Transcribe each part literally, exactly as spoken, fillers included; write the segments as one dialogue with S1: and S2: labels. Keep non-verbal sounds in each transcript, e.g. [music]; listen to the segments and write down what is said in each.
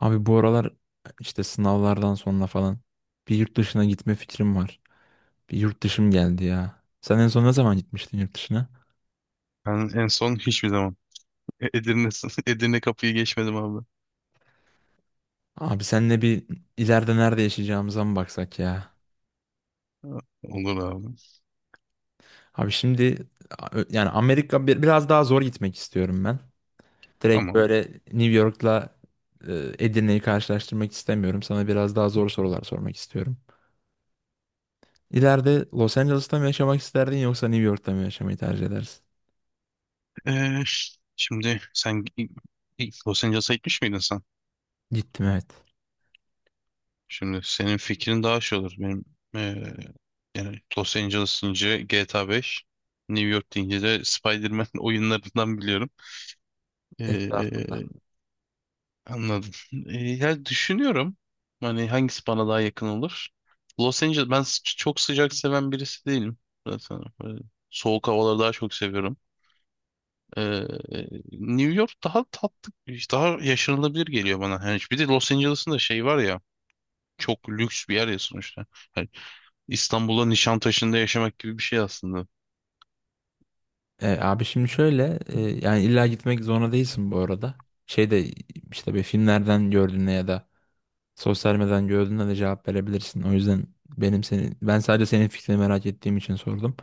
S1: Abi bu aralar işte sınavlardan sonra falan bir yurt dışına gitme fikrim var. Bir yurt dışım geldi ya. Sen en son ne zaman gitmiştin yurt dışına?
S2: Ben en son hiçbir zaman E- Edirne, [laughs] Edirne kapıyı geçmedim abi.
S1: Abi senle bir ileride nerede yaşayacağımıza mı baksak ya?
S2: Olur abi.
S1: Abi şimdi a- yani Amerika bir- biraz daha zor gitmek istiyorum ben. Direkt
S2: Tamam.
S1: böyle New York'la e, Edirne'yi karşılaştırmak istemiyorum. Sana biraz daha zor sorular sormak istiyorum. İleride Los Angeles'ta mı yaşamak isterdin yoksa New York'ta mı yaşamayı tercih edersin?
S2: Ee, ş- şimdi sen i- i- Los Angeles'a gitmiş miydin sen?
S1: Gittim evet.
S2: Şimdi senin fikrin daha şey olur. Benim ee, yani Los Angeles deyince G T A beş, New York deyince de Spider-Man [laughs] oyunlarından biliyorum.
S1: Estağfurullah.
S2: Ee, Anladım. Ee, ya düşünüyorum hani hangisi bana daha yakın olur. Los Angeles ben s- çok sıcak seven birisi değilim. Zaten böyle soğuk havaları daha çok seviyorum. Ee, New York daha tatlı, işte daha yaşanılabilir geliyor bana. Yani bir de Los Angeles'ın da şey var ya, çok lüks bir yer ya sonuçta. Yani İstanbul'da Nişantaşı'nda yaşamak gibi bir şey aslında.
S1: E, abi şimdi şöyle e, yani illa gitmek zorunda değilsin bu arada. Şey de işte bir filmlerden gördüğünde ya da sosyal medyadan gördüğünde de cevap verebilirsin. O yüzden benim seni ben sadece senin fikrini merak ettiğim için sordum.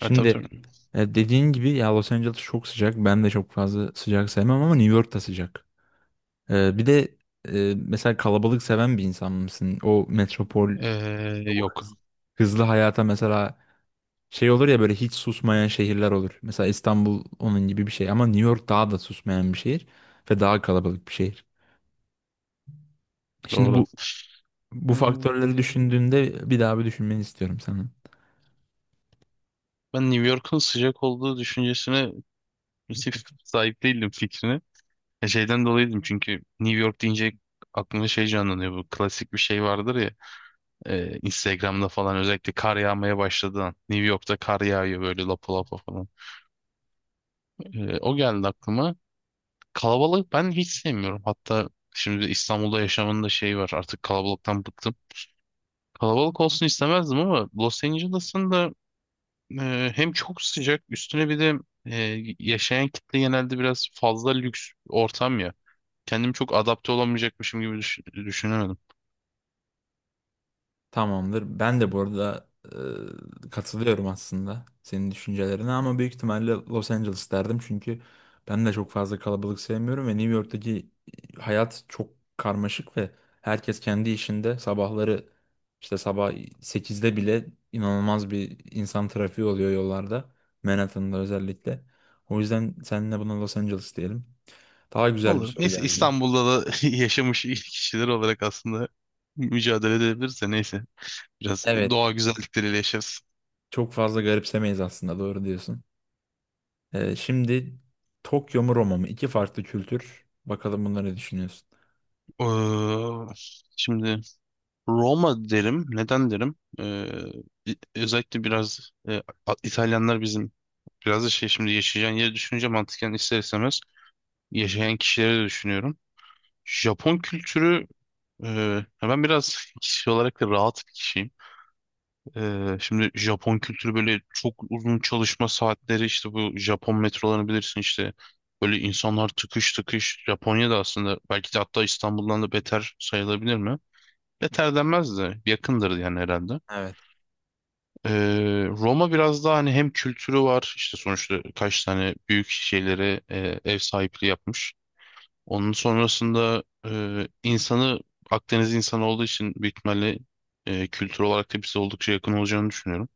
S2: Ha, tabii, tabii.
S1: e, dediğin gibi ya Los Angeles çok sıcak. Ben de çok fazla sıcak sevmem ama New York da sıcak. E, bir de e, mesela kalabalık seven bir insan mısın? O metropol
S2: Ee,
S1: o
S2: yok.
S1: hız- hızlı hayata mesela şey olur ya böyle hiç susmayan şehirler olur. Mesela İstanbul onun gibi bir şey ama New York daha da susmayan bir şehir ve daha kalabalık bir şehir. Şimdi
S2: Doğru.
S1: bu bu
S2: Ee,
S1: faktörleri düşündüğünde bir daha bir düşünmeni istiyorum sana.
S2: Ben New York'un sıcak olduğu düşüncesine [laughs] sahip değildim fikrine. E, şeyden dolayıydım çünkü New York deyince aklımda şey canlanıyor, bu klasik bir şey vardır ya, e, Instagram'da falan özellikle kar yağmaya başladığı an New York'ta kar yağıyor böyle lapa lapa falan. E, o geldi aklıma. Kalabalık ben hiç sevmiyorum. Hatta şimdi İstanbul'da yaşamın da şey var, artık kalabalıktan bıktım. Kalabalık olsun istemezdim ama Los Angeles'ın da e, hem çok sıcak, üstüne bir de e, yaşayan kitle genelde biraz fazla lüks ortam ya. Kendimi çok adapte olamayacakmışım gibi düş- düşünemedim.
S1: Tamamdır. Ben de bu arada e, katılıyorum aslında senin düşüncelerine ama büyük ihtimalle Los Angeles derdim çünkü ben de çok fazla kalabalık sevmiyorum ve New York'taki hayat çok karmaşık ve herkes kendi işinde sabahları işte sabah sekizde bile inanılmaz bir insan trafiği oluyor yollarda Manhattan'da özellikle. O yüzden seninle buna Los Angeles diyelim. Daha güzel bir
S2: Olur.
S1: soru
S2: Neyse,
S1: geldi.
S2: İstanbul'da da [laughs] yaşamış kişiler olarak aslında mücadele edebiliriz de, neyse. Biraz
S1: Evet,
S2: doğa güzellikleriyle yaşarız.
S1: çok fazla garipsemeyiz aslında doğru diyorsun. Ee, şimdi Tokyo mu Roma mı? İki farklı kültür. Bakalım bunları ne düşünüyorsun?
S2: Ee, Şimdi Roma derim. Neden derim? Ee, Özellikle biraz e, İtalyanlar bizim biraz da şey, şimdi yaşayacağın yeri düşününce mantıken ister istemez yaşayan kişileri de düşünüyorum. Japon kültürü e, ben biraz kişi olarak da rahat bir kişiyim. Ee, şimdi Japon kültürü böyle çok uzun çalışma saatleri, işte bu Japon metrolarını bilirsin işte, böyle insanlar tıkış tıkış Japonya'da, aslında belki de hatta İstanbul'dan da beter sayılabilir mi? Beter denmez de yakındır yani herhalde.
S1: Evet.
S2: Ee, Roma biraz daha hani hem kültürü var işte, sonuçta kaç tane büyük şeylere e, ev sahipliği yapmış. Onun sonrasında e, insanı Akdeniz insanı olduğu için büyük ihtimalle e, kültür olarak da bize oldukça yakın olacağını düşünüyorum.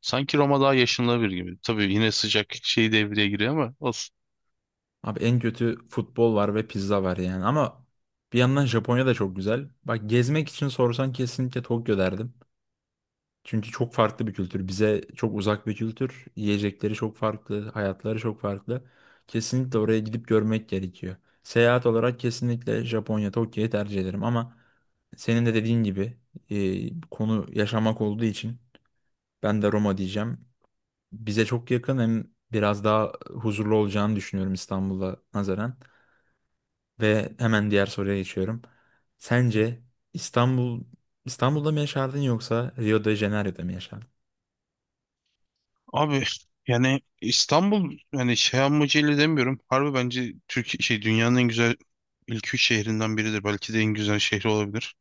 S2: Sanki Roma daha yaşanılabilir gibi. Tabii yine sıcak şey devreye giriyor ama olsun.
S1: Abi en kötü futbol var ve pizza var yani. Ama bir yandan Japonya da çok güzel. Bak gezmek için sorsan kesinlikle Tokyo derdim. Çünkü çok farklı bir kültür. Bize çok uzak bir kültür. Yiyecekleri çok farklı. Hayatları çok farklı. Kesinlikle oraya gidip görmek gerekiyor. Seyahat olarak kesinlikle Japonya, Tokyo'yu tercih ederim. Ama senin de dediğin gibi e, konu yaşamak olduğu için ben de Roma diyeceğim. Bize çok yakın hem biraz daha huzurlu olacağını düşünüyorum İstanbul'a nazaran. Ve hemen diğer soruya geçiyorum. Sence İstanbul İstanbul'da mı yaşardın yoksa Rio de Janeiro'da mı yaşardın?
S2: Abi [laughs] yani İstanbul, yani şey amacıyla demiyorum. Harbi bence Türkiye şey, dünyanın en güzel ilk üç şehrinden biridir. Belki de en güzel şehri olabilir.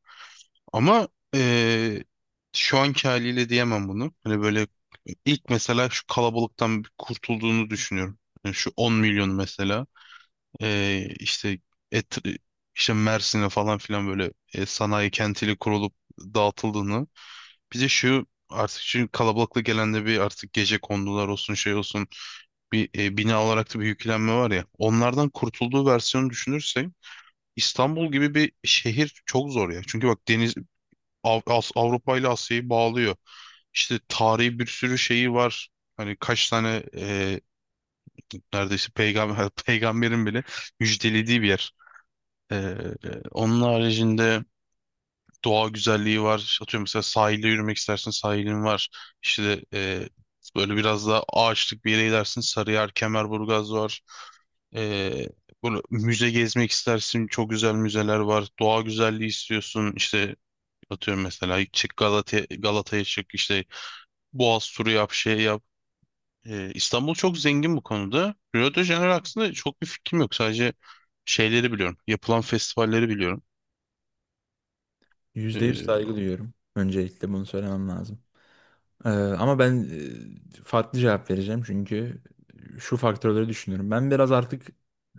S2: Ama eee, şu anki haliyle diyemem bunu. Hani böyle ilk mesela şu kalabalıktan bir kurtulduğunu düşünüyorum. Yani şu on milyon mesela eee, işte et, işte Mersin'e falan filan böyle e, sanayi kentiyle kurulup dağıtıldığını. Bize şu artık şu kalabalıkla gelen de bir artık gece kondular olsun şey olsun, bir e, bina olarak da bir yüklenme var ya. Onlardan kurtulduğu versiyonu düşünürsek İstanbul gibi bir şehir çok zor ya. Çünkü bak deniz Av- As- Avrupa ile Asya'yı bağlıyor. İşte tarihi bir sürü şeyi var. Hani kaç tane e, neredeyse peygamber [laughs] peygamberin bile müjdelediği bir yer. E, e, Onun haricinde doğa güzelliği var. Atıyorum mesela sahilde yürümek istersin, sahilin var. İşte e, böyle biraz daha ağaçlık bir yere gidersin. Sarıyer, Kemerburgaz var. E, Böyle müze gezmek istersin. Çok güzel müzeler var. Doğa güzelliği istiyorsun. İşte atıyorum mesela çık Galata Galata'ya çık. İşte Boğaz turu yap, şey yap. E, İstanbul çok zengin bu konuda. Rio de Janeiro hakkında çok bir fikrim yok. Sadece şeyleri biliyorum. Yapılan festivalleri biliyorum.
S1: Yüzde yüz
S2: E,
S1: saygı duyuyorum. Öncelikle bunu söylemem lazım. Ee, ama ben e, farklı cevap vereceğim çünkü şu faktörleri düşünüyorum. Ben biraz artık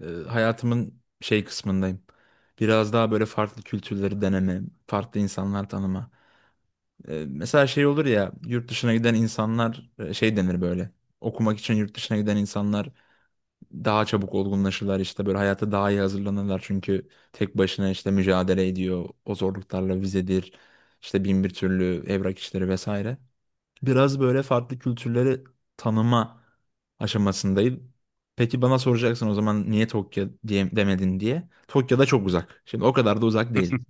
S1: e, hayatımın şey kısmındayım. Biraz daha böyle farklı kültürleri deneme, farklı insanlar tanıma. E, mesela şey olur ya yurt dışına giden insanlar e, şey denir böyle. Okumak için yurt dışına giden insanlar daha çabuk olgunlaşırlar işte böyle hayata daha iyi hazırlanırlar çünkü tek başına işte mücadele ediyor o zorluklarla vizedir işte bin bir türlü evrak işleri vesaire. Biraz böyle farklı kültürleri tanıma aşamasındayım. Peki bana soracaksın o zaman niye Tokyo diye demedin diye. Tokyo'da çok uzak. Şimdi o kadar da uzak değil.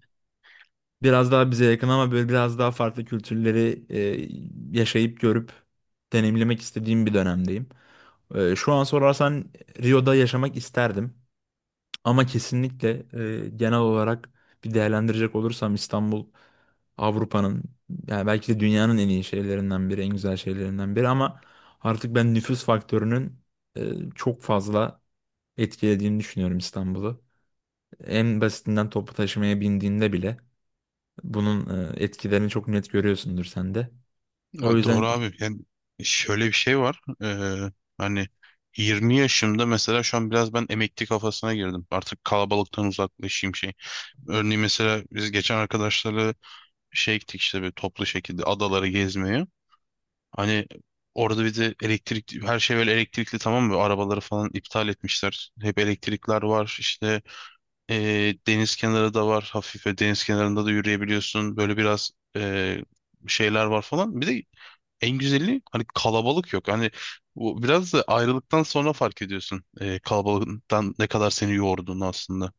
S1: Biraz daha bize yakın ama böyle biraz daha farklı kültürleri e, yaşayıp görüp deneyimlemek istediğim bir dönemdeyim. E, şu an sorarsan Rio'da yaşamak isterdim. Ama kesinlikle e, genel olarak bir değerlendirecek olursam İstanbul Avrupa'nın yani belki de dünyanın en iyi şehirlerinden biri, en güzel şehirlerinden biri ama artık ben nüfus faktörünün e, çok fazla etkilediğini düşünüyorum İstanbul'u. En basitinden toplu taşımaya bindiğinde bile bunun e, etkilerini çok net görüyorsundur sen de.
S2: Ya
S1: O
S2: doğru
S1: yüzden
S2: abi. Yani şöyle bir şey var. Ee, hani yirmi yaşımda mesela şu an biraz ben emekli kafasına girdim. Artık kalabalıktan uzaklaşayım şey. Örneğin mesela biz geçen arkadaşlarla şey gittik, işte bir toplu şekilde adaları gezmeye. Hani orada bir de elektrik, her şey böyle elektrikli, tamam mı? Arabaları falan iptal etmişler. Hep elektrikler var. İşte ee, deniz kenarı da var. Hafif ve deniz kenarında da yürüyebiliyorsun. Böyle biraz ee, şeyler var falan. Bir de en güzeli hani kalabalık yok. Hani bu biraz da ayrılıktan sonra fark ediyorsun. E, kalabalıktan ne kadar seni yorduğunu aslında.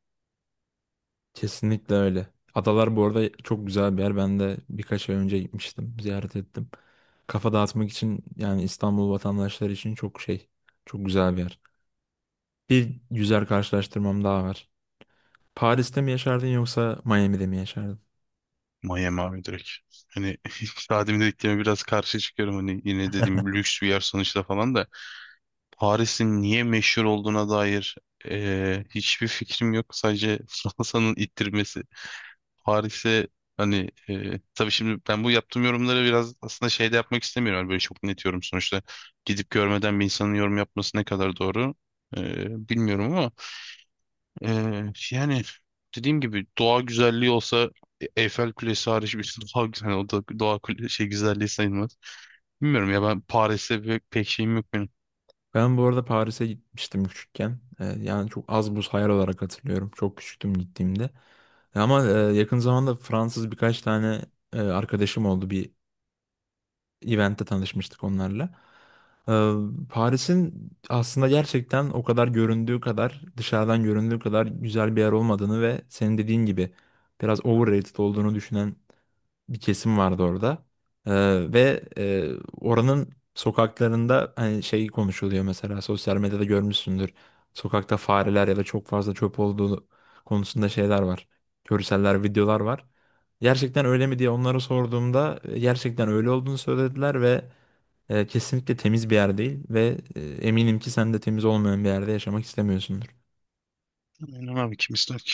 S1: kesinlikle öyle. Adalar bu arada çok güzel bir yer. Ben de birkaç ay önce gitmiştim, ziyaret ettim. Kafa dağıtmak için yani İstanbul vatandaşları için çok şey, çok güzel bir yer. Bir güzel karşılaştırmam daha var. Paris'te mi yaşardın yoksa Miami'de mi yaşardın?
S2: Miami abi, direkt. Hani [laughs] daha demin dediklerime biraz karşı çıkıyorum. Hani yine dediğim lüks bir yer sonuçta falan da. Paris'in niye meşhur olduğuna dair e, hiçbir fikrim yok. Sadece [laughs] Fransa'nın ittirmesi. Paris'e hani e, tabii şimdi ben bu yaptığım yorumları biraz aslında şeyde yapmak istemiyorum. Hani böyle çok net yorum sonuçta. Gidip görmeden bir insanın yorum yapması ne kadar doğru e, bilmiyorum ama e, yani dediğim gibi doğa güzelliği olsa e, Eyfel Kulesi hariç bir [laughs] doğa güzel, o da doğa kule, şey güzelliği sayılmaz. Bilmiyorum ya, ben Paris'e pek, pek şeyim yok benim.
S1: Ben bu arada Paris'e gitmiştim küçükken. E, yani çok az buz hayal olarak hatırlıyorum. Çok küçüktüm gittiğimde. E, ama e, yakın zamanda Fransız birkaç tane e, arkadaşım oldu. Bir eventte tanışmıştık onlarla. Ee, Paris'in aslında gerçekten o kadar göründüğü kadar dışarıdan göründüğü kadar güzel bir yer olmadığını ve senin dediğin gibi biraz overrated olduğunu düşünen bir kesim vardı orada. Ee, ve e, oranın sokaklarında hani şey konuşuluyor mesela sosyal medyada görmüşsündür. Sokakta fareler ya da çok fazla çöp olduğu konusunda şeyler var. Görseller, videolar var. Gerçekten öyle mi diye onlara sorduğumda e, gerçekten öyle olduğunu söylediler ve e, kesinlikle temiz bir yer değil ve e, eminim ki sen de temiz olmayan bir yerde yaşamak istemiyorsundur.
S2: Aynen abi, kim ister ki?